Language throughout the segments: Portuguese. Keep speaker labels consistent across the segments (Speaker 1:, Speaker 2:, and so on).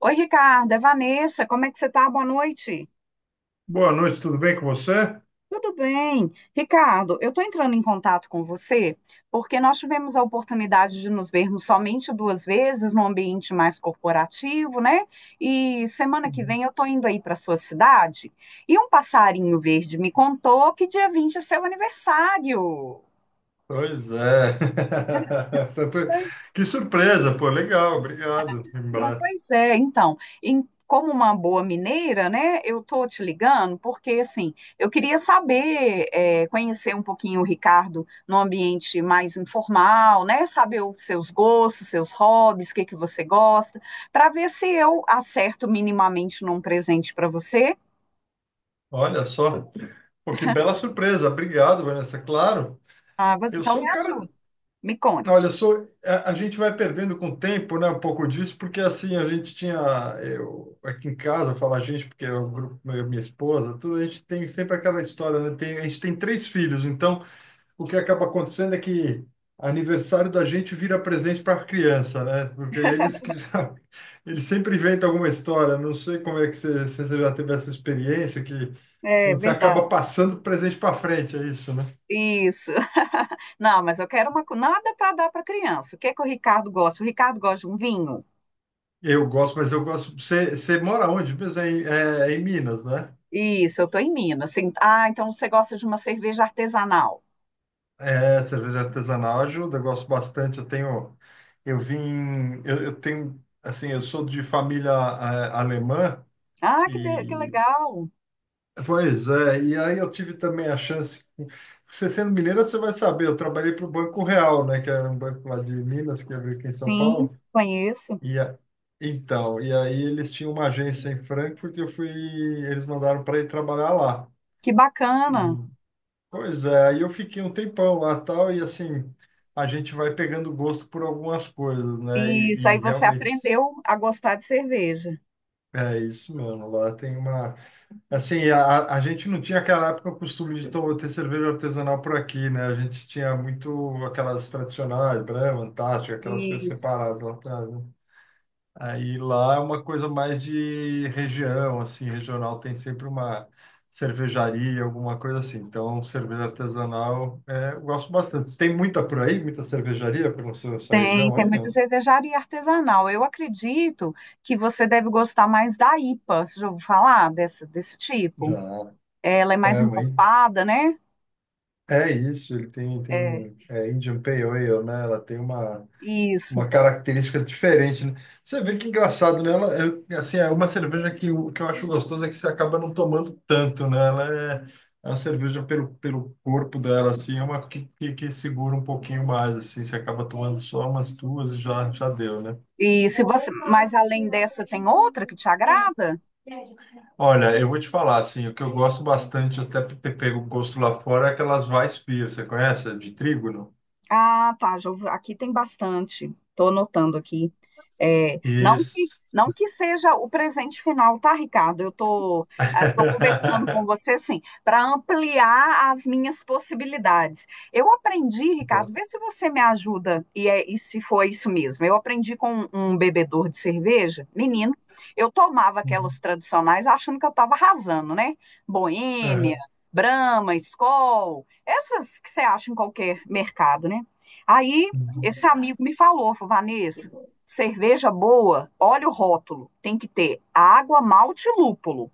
Speaker 1: Oi, Ricardo, é Vanessa, como é que você tá? Boa noite.
Speaker 2: Boa noite, tudo bem com você?
Speaker 1: Tudo bem. Ricardo, eu estou entrando em contato com você porque nós tivemos a oportunidade de nos vermos somente duas vezes num ambiente mais corporativo, né? E semana que vem eu estou indo aí para sua cidade e um passarinho verde me contou que dia 20 é seu aniversário.
Speaker 2: Pois é. Essa foi- Que surpresa, pô, legal, obrigado,
Speaker 1: Mas,
Speaker 2: lembrar.
Speaker 1: Pois é, então, em- Como uma boa mineira, né, eu tô te ligando porque, assim, eu queria saber, é, conhecer um pouquinho o Ricardo num ambiente mais informal, né, saber os seus gostos, seus hobbies, o que que você gosta, para ver se eu acerto minimamente num presente para você.
Speaker 2: Olha só, pô, que bela surpresa, obrigado, Vanessa, claro. Eu
Speaker 1: Então
Speaker 2: sou
Speaker 1: me
Speaker 2: um cara,
Speaker 1: ajude, me
Speaker 2: olha, eu
Speaker 1: conte.
Speaker 2: sou, a gente vai perdendo com o tempo, né, um pouco disso, porque assim, a gente tinha, eu, aqui em casa, eu falo a gente, porque é o grupo, eu, minha esposa, tudo, a gente tem sempre aquela história, né, a gente tem três filhos, então, o que acaba acontecendo é que aniversário da gente vira presente para a criança, né? Porque eles sempre inventam alguma história. Não sei como é que você, se você já teve essa experiência que
Speaker 1: É
Speaker 2: onde você
Speaker 1: verdade.
Speaker 2: acaba passando presente para frente, é isso, né?
Speaker 1: Isso. Não, mas eu quero nada para dar para criança. O que que o Ricardo gosta? O Ricardo gosta de um vinho?
Speaker 2: Eu gosto, mas eu gosto. Você mora onde? Mesmo É em Minas, né?
Speaker 1: Isso, eu estou em Minas. Sim. Ah, então você gosta de uma cerveja artesanal.
Speaker 2: É, cerveja artesanal ajuda, eu gosto bastante. Eu tenho, eu vim, eu tenho, assim, eu sou de família alemã.
Speaker 1: Que
Speaker 2: E
Speaker 1: legal.
Speaker 2: Pois é, e aí eu tive também a chance. Você sendo mineira, você vai saber. Eu trabalhei para o Banco Real, né? Que era um banco lá de Minas, que abriu aqui em São
Speaker 1: Sim,
Speaker 2: Paulo.
Speaker 1: conheço.
Speaker 2: E a- então, e aí eles tinham uma agência em Frankfurt e eu fui. Eles mandaram para ir trabalhar lá.
Speaker 1: Que
Speaker 2: E,
Speaker 1: bacana.
Speaker 2: pois é, aí eu fiquei um tempão lá tal. E assim, a gente vai pegando gosto por algumas coisas, né?
Speaker 1: Isso,
Speaker 2: E,
Speaker 1: aí
Speaker 2: e
Speaker 1: você
Speaker 2: realmente
Speaker 1: aprendeu a gostar de cerveja.
Speaker 2: é isso mesmo. Lá tem uma Assim, a gente não tinha aquela época o costume de ter cerveja artesanal por aqui, né? A gente tinha muito aquelas tradicionais, Brahma, Antártica, aquelas coisas
Speaker 1: Isso.
Speaker 2: separadas lá atrás, né? Aí lá é uma coisa mais de região, assim, regional, tem sempre uma cervejaria, alguma coisa assim. Então, cerveja artesanal, é, eu gosto bastante. Tem muita por aí, muita cervejaria pela sua
Speaker 1: Tem,
Speaker 2: região
Speaker 1: tem
Speaker 2: aí,
Speaker 1: muita
Speaker 2: não?
Speaker 1: cervejaria artesanal. Eu acredito que você deve gostar mais da IPA. Você já ouviu falar desse tipo?
Speaker 2: Já,
Speaker 1: Ela é mais
Speaker 2: é, mãe.
Speaker 1: encorpada, né?
Speaker 2: É isso, ele tem, tem
Speaker 1: É,
Speaker 2: é Indian Pale Ale, né? Ela tem uma
Speaker 1: isso.
Speaker 2: característica diferente, né? Você vê que engraçado, né? Ela, é, assim, é uma cerveja que, o que eu acho gostoso é que você acaba não tomando tanto, né? Ela é, é uma cerveja pelo corpo dela, assim, é uma que segura um pouquinho mais, assim, você acaba tomando só umas duas e já, já deu, né?
Speaker 1: E se você, mas além dessa, tem outra que te agrada?
Speaker 2: Olha, eu vou te falar, assim, o que eu gosto bastante, até por ter pego gosto lá fora, é aquelas Weissbier, você conhece? De trigo, não?
Speaker 1: Ah, tá, aqui tem bastante. Estou anotando aqui. É,
Speaker 2: Isso.
Speaker 1: não que seja o presente final, tá, Ricardo? Eu estou tô, ah, tô conversando com você, assim, para ampliar as minhas possibilidades. Eu aprendi, Ricardo, vê
Speaker 2: Boa.
Speaker 1: se você me ajuda e se foi isso mesmo. Eu aprendi com um bebedor de cerveja, menino, eu tomava aquelas
Speaker 2: Uhum.
Speaker 1: tradicionais achando que eu estava arrasando, né? Boêmia, Brahma, Skol, essas que você acha em qualquer mercado, né? Aí
Speaker 2: Uhum.
Speaker 1: esse amigo me falou, falou: Vanessa, cerveja boa, olha o rótulo, tem que ter água, malte e lúpulo.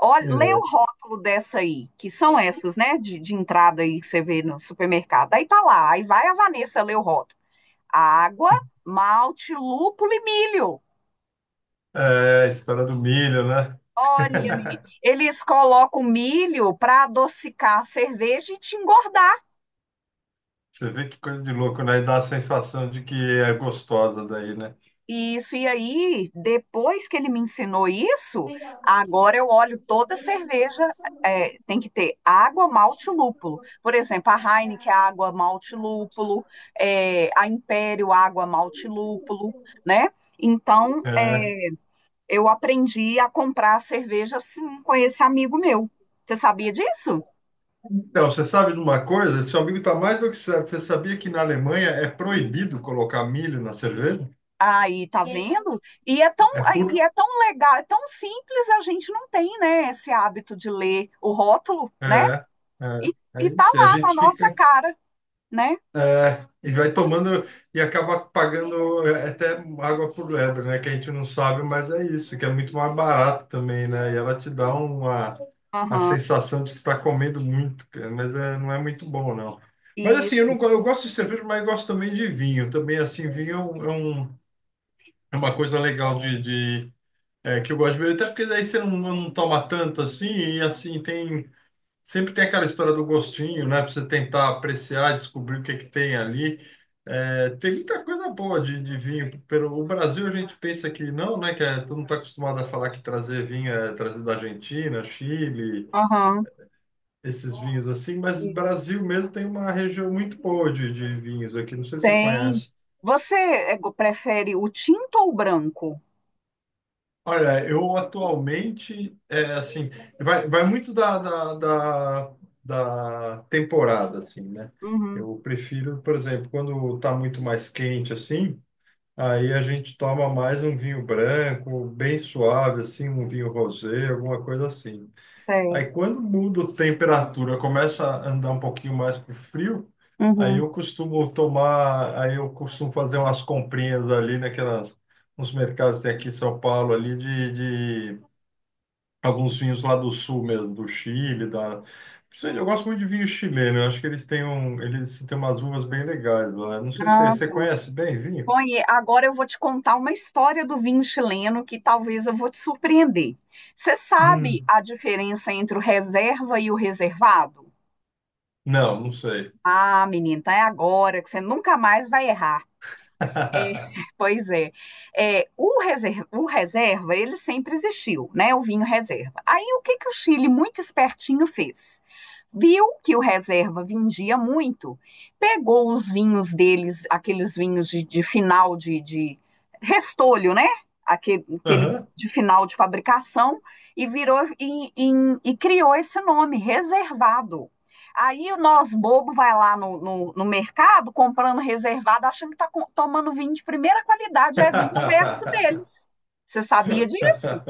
Speaker 1: Olha, lê o
Speaker 2: É.
Speaker 1: rótulo dessa aí, que são essas, né, de entrada aí que você vê no supermercado. Aí tá lá, aí vai a Vanessa ler o rótulo. Água, malte, lúpulo e milho.
Speaker 2: É, a história do milho, né?
Speaker 1: Olha, menina, eles colocam milho para adocicar a cerveja e te engordar.
Speaker 2: Você vê que coisa de louco, né? E dá a sensação de que é gostosa daí, né?
Speaker 1: Isso, e aí, depois que ele me ensinou isso, agora eu olho toda cerveja, é, tem que ter água, malte e lúpulo. Por exemplo, a Heineken, água, malte e lúpulo, é, a Império, água, malte e lúpulo, né? Então, é,
Speaker 2: É.
Speaker 1: eu aprendi a comprar cerveja assim com esse amigo meu. Você sabia disso?
Speaker 2: Então, você sabe de uma coisa? Seu amigo está mais do que certo. Você sabia que na Alemanha é proibido colocar milho na cerveja?
Speaker 1: Aí, tá vendo?
Speaker 2: É por...
Speaker 1: E é tão legal, é tão simples, a gente não tem, né, esse hábito de ler o rótulo, né?
Speaker 2: É, é,
Speaker 1: E,
Speaker 2: é
Speaker 1: e tá
Speaker 2: isso. E a
Speaker 1: lá na
Speaker 2: gente
Speaker 1: nossa
Speaker 2: fica...
Speaker 1: cara, né?
Speaker 2: E vai
Speaker 1: Pois.
Speaker 2: tomando e acaba pagando é, até água por lebre, né? Que a gente não sabe, mas é isso. Que é muito mais barato também, né? E ela te dá uma... a
Speaker 1: Aham,
Speaker 2: sensação de que está comendo muito, cara, mas é, não é muito bom, não. Mas assim, eu não,
Speaker 1: isso.
Speaker 2: eu gosto de cerveja, mas eu gosto também de vinho. Também, assim, vinho é é uma coisa legal é, que eu gosto de beber, até porque daí você não, não toma tanto assim, e assim, tem. Sempre tem aquela história do gostinho, né? Pra você tentar apreciar, descobrir o que é que tem ali. É, tem muita coisa boa de vinho. O Brasil a gente pensa que não, né? Que é, todo mundo está acostumado a falar que trazer vinho é trazer da Argentina, Chile,
Speaker 1: Aham,
Speaker 2: esses vinhos assim, mas o
Speaker 1: isso.
Speaker 2: Brasil mesmo tem uma região muito boa de vinhos aqui, não sei se você
Speaker 1: Tem.
Speaker 2: conhece.
Speaker 1: Você é, go- prefere o tinto ou o branco?
Speaker 2: Olha, eu atualmente, é assim, vai muito da temporada, assim, né?
Speaker 1: Uhum,
Speaker 2: Eu prefiro, por exemplo, quando tá muito mais quente, assim, aí a gente toma mais um vinho branco, bem suave, assim, um vinho rosé, alguma coisa assim.
Speaker 1: certo.
Speaker 2: Aí quando muda a temperatura, começa a andar um pouquinho mais pro frio, aí
Speaker 1: Uhum.
Speaker 2: eu costumo tomar, aí eu costumo fazer umas comprinhas ali naquelas, nos mercados que tem aqui em São Paulo ali de alguns vinhos lá do sul mesmo, do Chile, da principalmente, eu gosto muito de vinho chileno, eu acho que eles têm um, eles têm umas uvas bem legais lá. Não sei se você
Speaker 1: Ah,
Speaker 2: você conhece bem vinho?
Speaker 1: Agora eu vou te contar uma história do vinho chileno que talvez eu vou te surpreender. Você sabe
Speaker 2: Hum.
Speaker 1: a diferença entre o reserva e o reservado?
Speaker 2: Não, não sei.
Speaker 1: Ah, menina, então é agora que você nunca mais vai errar. É, pois é. É, o reserva, ele sempre existiu, né? O vinho reserva. Aí, o que que o Chile, muito espertinho, fez? Viu que o reserva vendia muito, pegou os vinhos deles, aqueles vinhos de restolho, né? Aquele
Speaker 2: Aham.
Speaker 1: de final de fabricação e criou esse nome, reservado. Aí o nós bobo vai lá no mercado comprando reservado, achando que está tomando vinho de primeira qualidade, é vinho resto deles. Você sabia disso?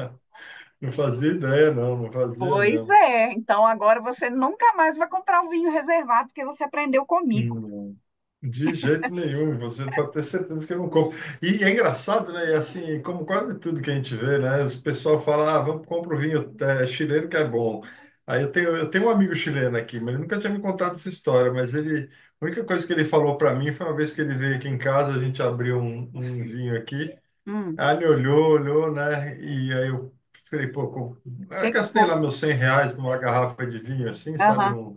Speaker 2: Não fazia ideia, não, não fazia
Speaker 1: Pois
Speaker 2: mesmo.
Speaker 1: é. Então agora você nunca mais vai comprar um vinho reservado porque você aprendeu comigo.
Speaker 2: Hum, De jeito nenhum, você pode ter certeza que eu não como. E é engraçado, né? E assim, como quase tudo que a gente vê, né? O pessoal fala, ah, vamos comprar o vinho é, chileno que é bom. Aí eu tenho um amigo chileno aqui, mas ele nunca tinha me contado essa história, mas ele, a única coisa que ele falou para mim foi uma vez que ele veio aqui em casa, a gente abriu um vinho aqui,
Speaker 1: Hum,
Speaker 2: aí ele olhou, olhou, né? E aí eu falei, pô, eu
Speaker 1: que
Speaker 2: gastei
Speaker 1: foi?
Speaker 2: lá meus R$ 100 numa garrafa de vinho, assim, sabe?
Speaker 1: Aham.
Speaker 2: Num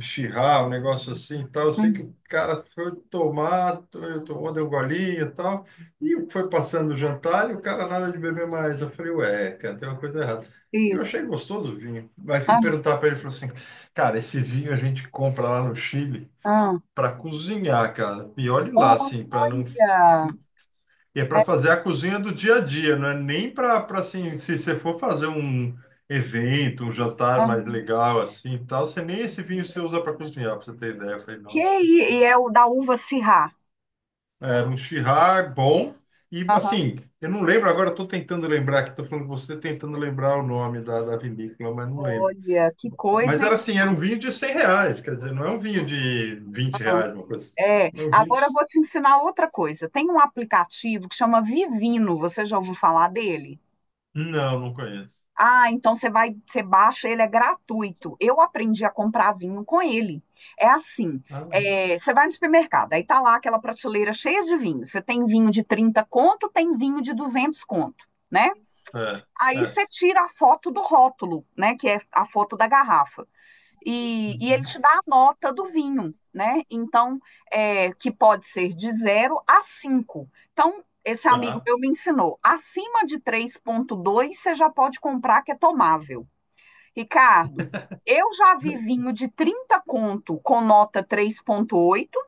Speaker 2: Chirrar, um negócio assim e tal. Eu sei que
Speaker 1: Hum,
Speaker 2: o cara foi tomar, tomou, deu um golinho e tal. E foi passando o jantar e o cara nada de beber mais. Eu falei, ué, cara, tem uma coisa errada. E eu
Speaker 1: isso.
Speaker 2: achei gostoso o vinho. Aí fui
Speaker 1: Aham,
Speaker 2: perguntar para ele, ele falou assim, cara, esse vinho a gente compra lá no Chile
Speaker 1: aham.
Speaker 2: para cozinhar, cara. E olhe lá, assim, para não.
Speaker 1: Olha.
Speaker 2: E é
Speaker 1: É,
Speaker 2: para fazer a cozinha do dia a dia, não é nem para assim, se você for fazer um evento, um jantar mais
Speaker 1: aham.
Speaker 2: legal assim, e tal, você nem esse vinho você usa para cozinhar, para você ter ideia. Eu falei,
Speaker 1: Que
Speaker 2: não.
Speaker 1: i- e é o da uva Syrah.
Speaker 2: Era um Shiraz bom e
Speaker 1: Aham.
Speaker 2: assim, eu não lembro agora, estou tentando lembrar aqui, estou falando com você tentando lembrar o nome da vinícola, mas não lembro.
Speaker 1: Olha, que
Speaker 2: Mas
Speaker 1: coisa,
Speaker 2: era
Speaker 1: hein?
Speaker 2: assim, era um vinho de R$ 100, quer dizer, não é um vinho de vinte
Speaker 1: Aham.
Speaker 2: reais, uma coisa assim.
Speaker 1: É.
Speaker 2: Não,
Speaker 1: Agora eu
Speaker 2: 20.
Speaker 1: vou te ensinar outra coisa. Tem um aplicativo que chama Vivino. Você já ouviu falar dele?
Speaker 2: Não, não conheço.
Speaker 1: Ah, então você vai, você baixa, ele é gratuito. Eu aprendi a comprar vinho com ele. É assim,
Speaker 2: Ah, não.
Speaker 1: é, você vai no supermercado, aí tá lá aquela prateleira cheia de vinho. Você tem vinho de 30 conto, tem vinho de 200 conto, né?
Speaker 2: É,
Speaker 1: Aí
Speaker 2: é.
Speaker 1: você tira a foto do rótulo, né, que é a foto da garrafa e ele
Speaker 2: Uhum.
Speaker 1: te dá a nota do vinho, né? Então, é, que pode ser de zero a 5. Então, esse amigo
Speaker 2: Tá.
Speaker 1: meu me ensinou, acima de 3.2, você já pode comprar que é tomável. Ricardo, eu já vi vinho de 30 conto com nota 3.8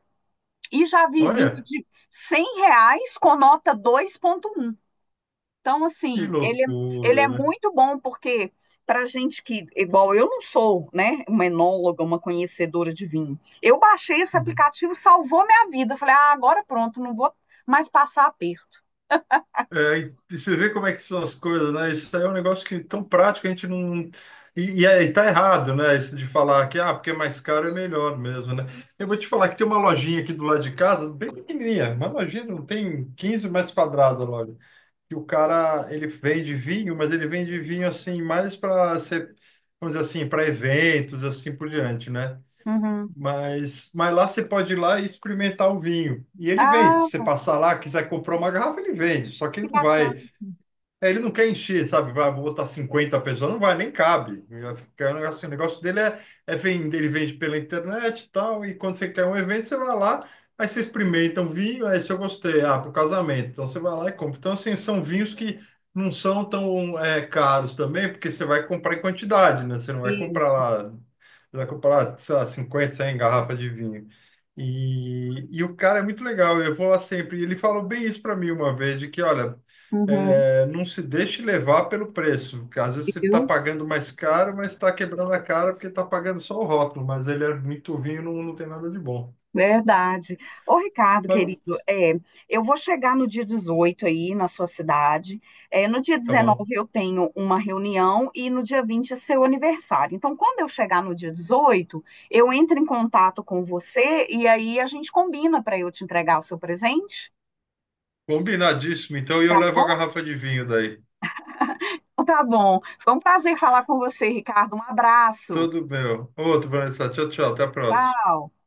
Speaker 1: e já vi vinho
Speaker 2: Olha,
Speaker 1: de R$ 100 com nota 2.1. Então,
Speaker 2: que
Speaker 1: assim, ele é
Speaker 2: loucura, né?
Speaker 1: muito bom porque para gente que, igual eu não sou, né, uma enóloga, uma conhecedora de vinho, eu baixei esse
Speaker 2: Uhum.
Speaker 1: aplicativo, salvou minha vida. Eu falei, ah, agora pronto, não vou mais passar aperto.
Speaker 2: É, e você vê como é que são as coisas, né? Isso aí é um negócio que é tão prático, a gente não. E tá errado, né? Isso de falar que, ah, porque é mais caro é melhor mesmo, né? Eu vou te falar que tem uma lojinha aqui do lado de casa, bem pequenininha, uma lojinha, não tem 15 metros quadrados a loja. E o cara, ele vende vinho, mas ele vende vinho assim, mais para ser, vamos dizer assim, para eventos, assim por diante, né?
Speaker 1: Uhum.
Speaker 2: Mas lá você pode ir lá e experimentar o vinho. E ele vende. Se você
Speaker 1: Ah,
Speaker 2: passar lá, quiser comprar uma garrafa, ele vende. Só que
Speaker 1: que
Speaker 2: ele não vai.
Speaker 1: bacana.
Speaker 2: É, ele não quer encher, sabe? Vai botar 50 pessoas, não vai, nem cabe. Vai ficar um negócio- O negócio dele é, vender, ele vende pela internet e tal, e quando você quer um evento, você vai lá, aí você experimenta um vinho, aí se eu gostei, ah, pro casamento, então você vai lá e compra. Então, assim, são vinhos que não são tão caros também, porque você vai comprar em quantidade, né? Você não vai comprar
Speaker 1: Isso.
Speaker 2: lá, você vai comprar, sei lá, 50, 100 garrafas de vinho. E o cara é muito legal, eu vou lá sempre. E ele falou bem isso para mim uma vez, de que, olha,
Speaker 1: Uhum.
Speaker 2: não se deixe levar pelo preço, porque às vezes você está
Speaker 1: Eu
Speaker 2: pagando mais caro, mas está quebrando a cara porque está pagando só o rótulo, mas ele é muito vinho, não, não tem nada de bom.
Speaker 1: verdade. Ô, Ricardo,
Speaker 2: Mas
Speaker 1: querido, é, eu vou chegar no dia 18 aí na sua cidade. É, no dia
Speaker 2: tá
Speaker 1: dezenove
Speaker 2: bom.
Speaker 1: eu tenho uma reunião e no dia 20 é seu aniversário. Então, quando eu chegar no dia 18 eu entro em contato com você e aí a gente combina para eu te entregar o seu presente,
Speaker 2: Combinadíssimo, então, e eu
Speaker 1: tá
Speaker 2: levo a
Speaker 1: bom?
Speaker 2: garrafa de vinho daí.
Speaker 1: Tá bom. Foi um prazer falar com você, Ricardo. Um abraço.
Speaker 2: Tudo meu. Outro, Vanessa. Tchau, tchau. Até a próxima.
Speaker 1: Tchau.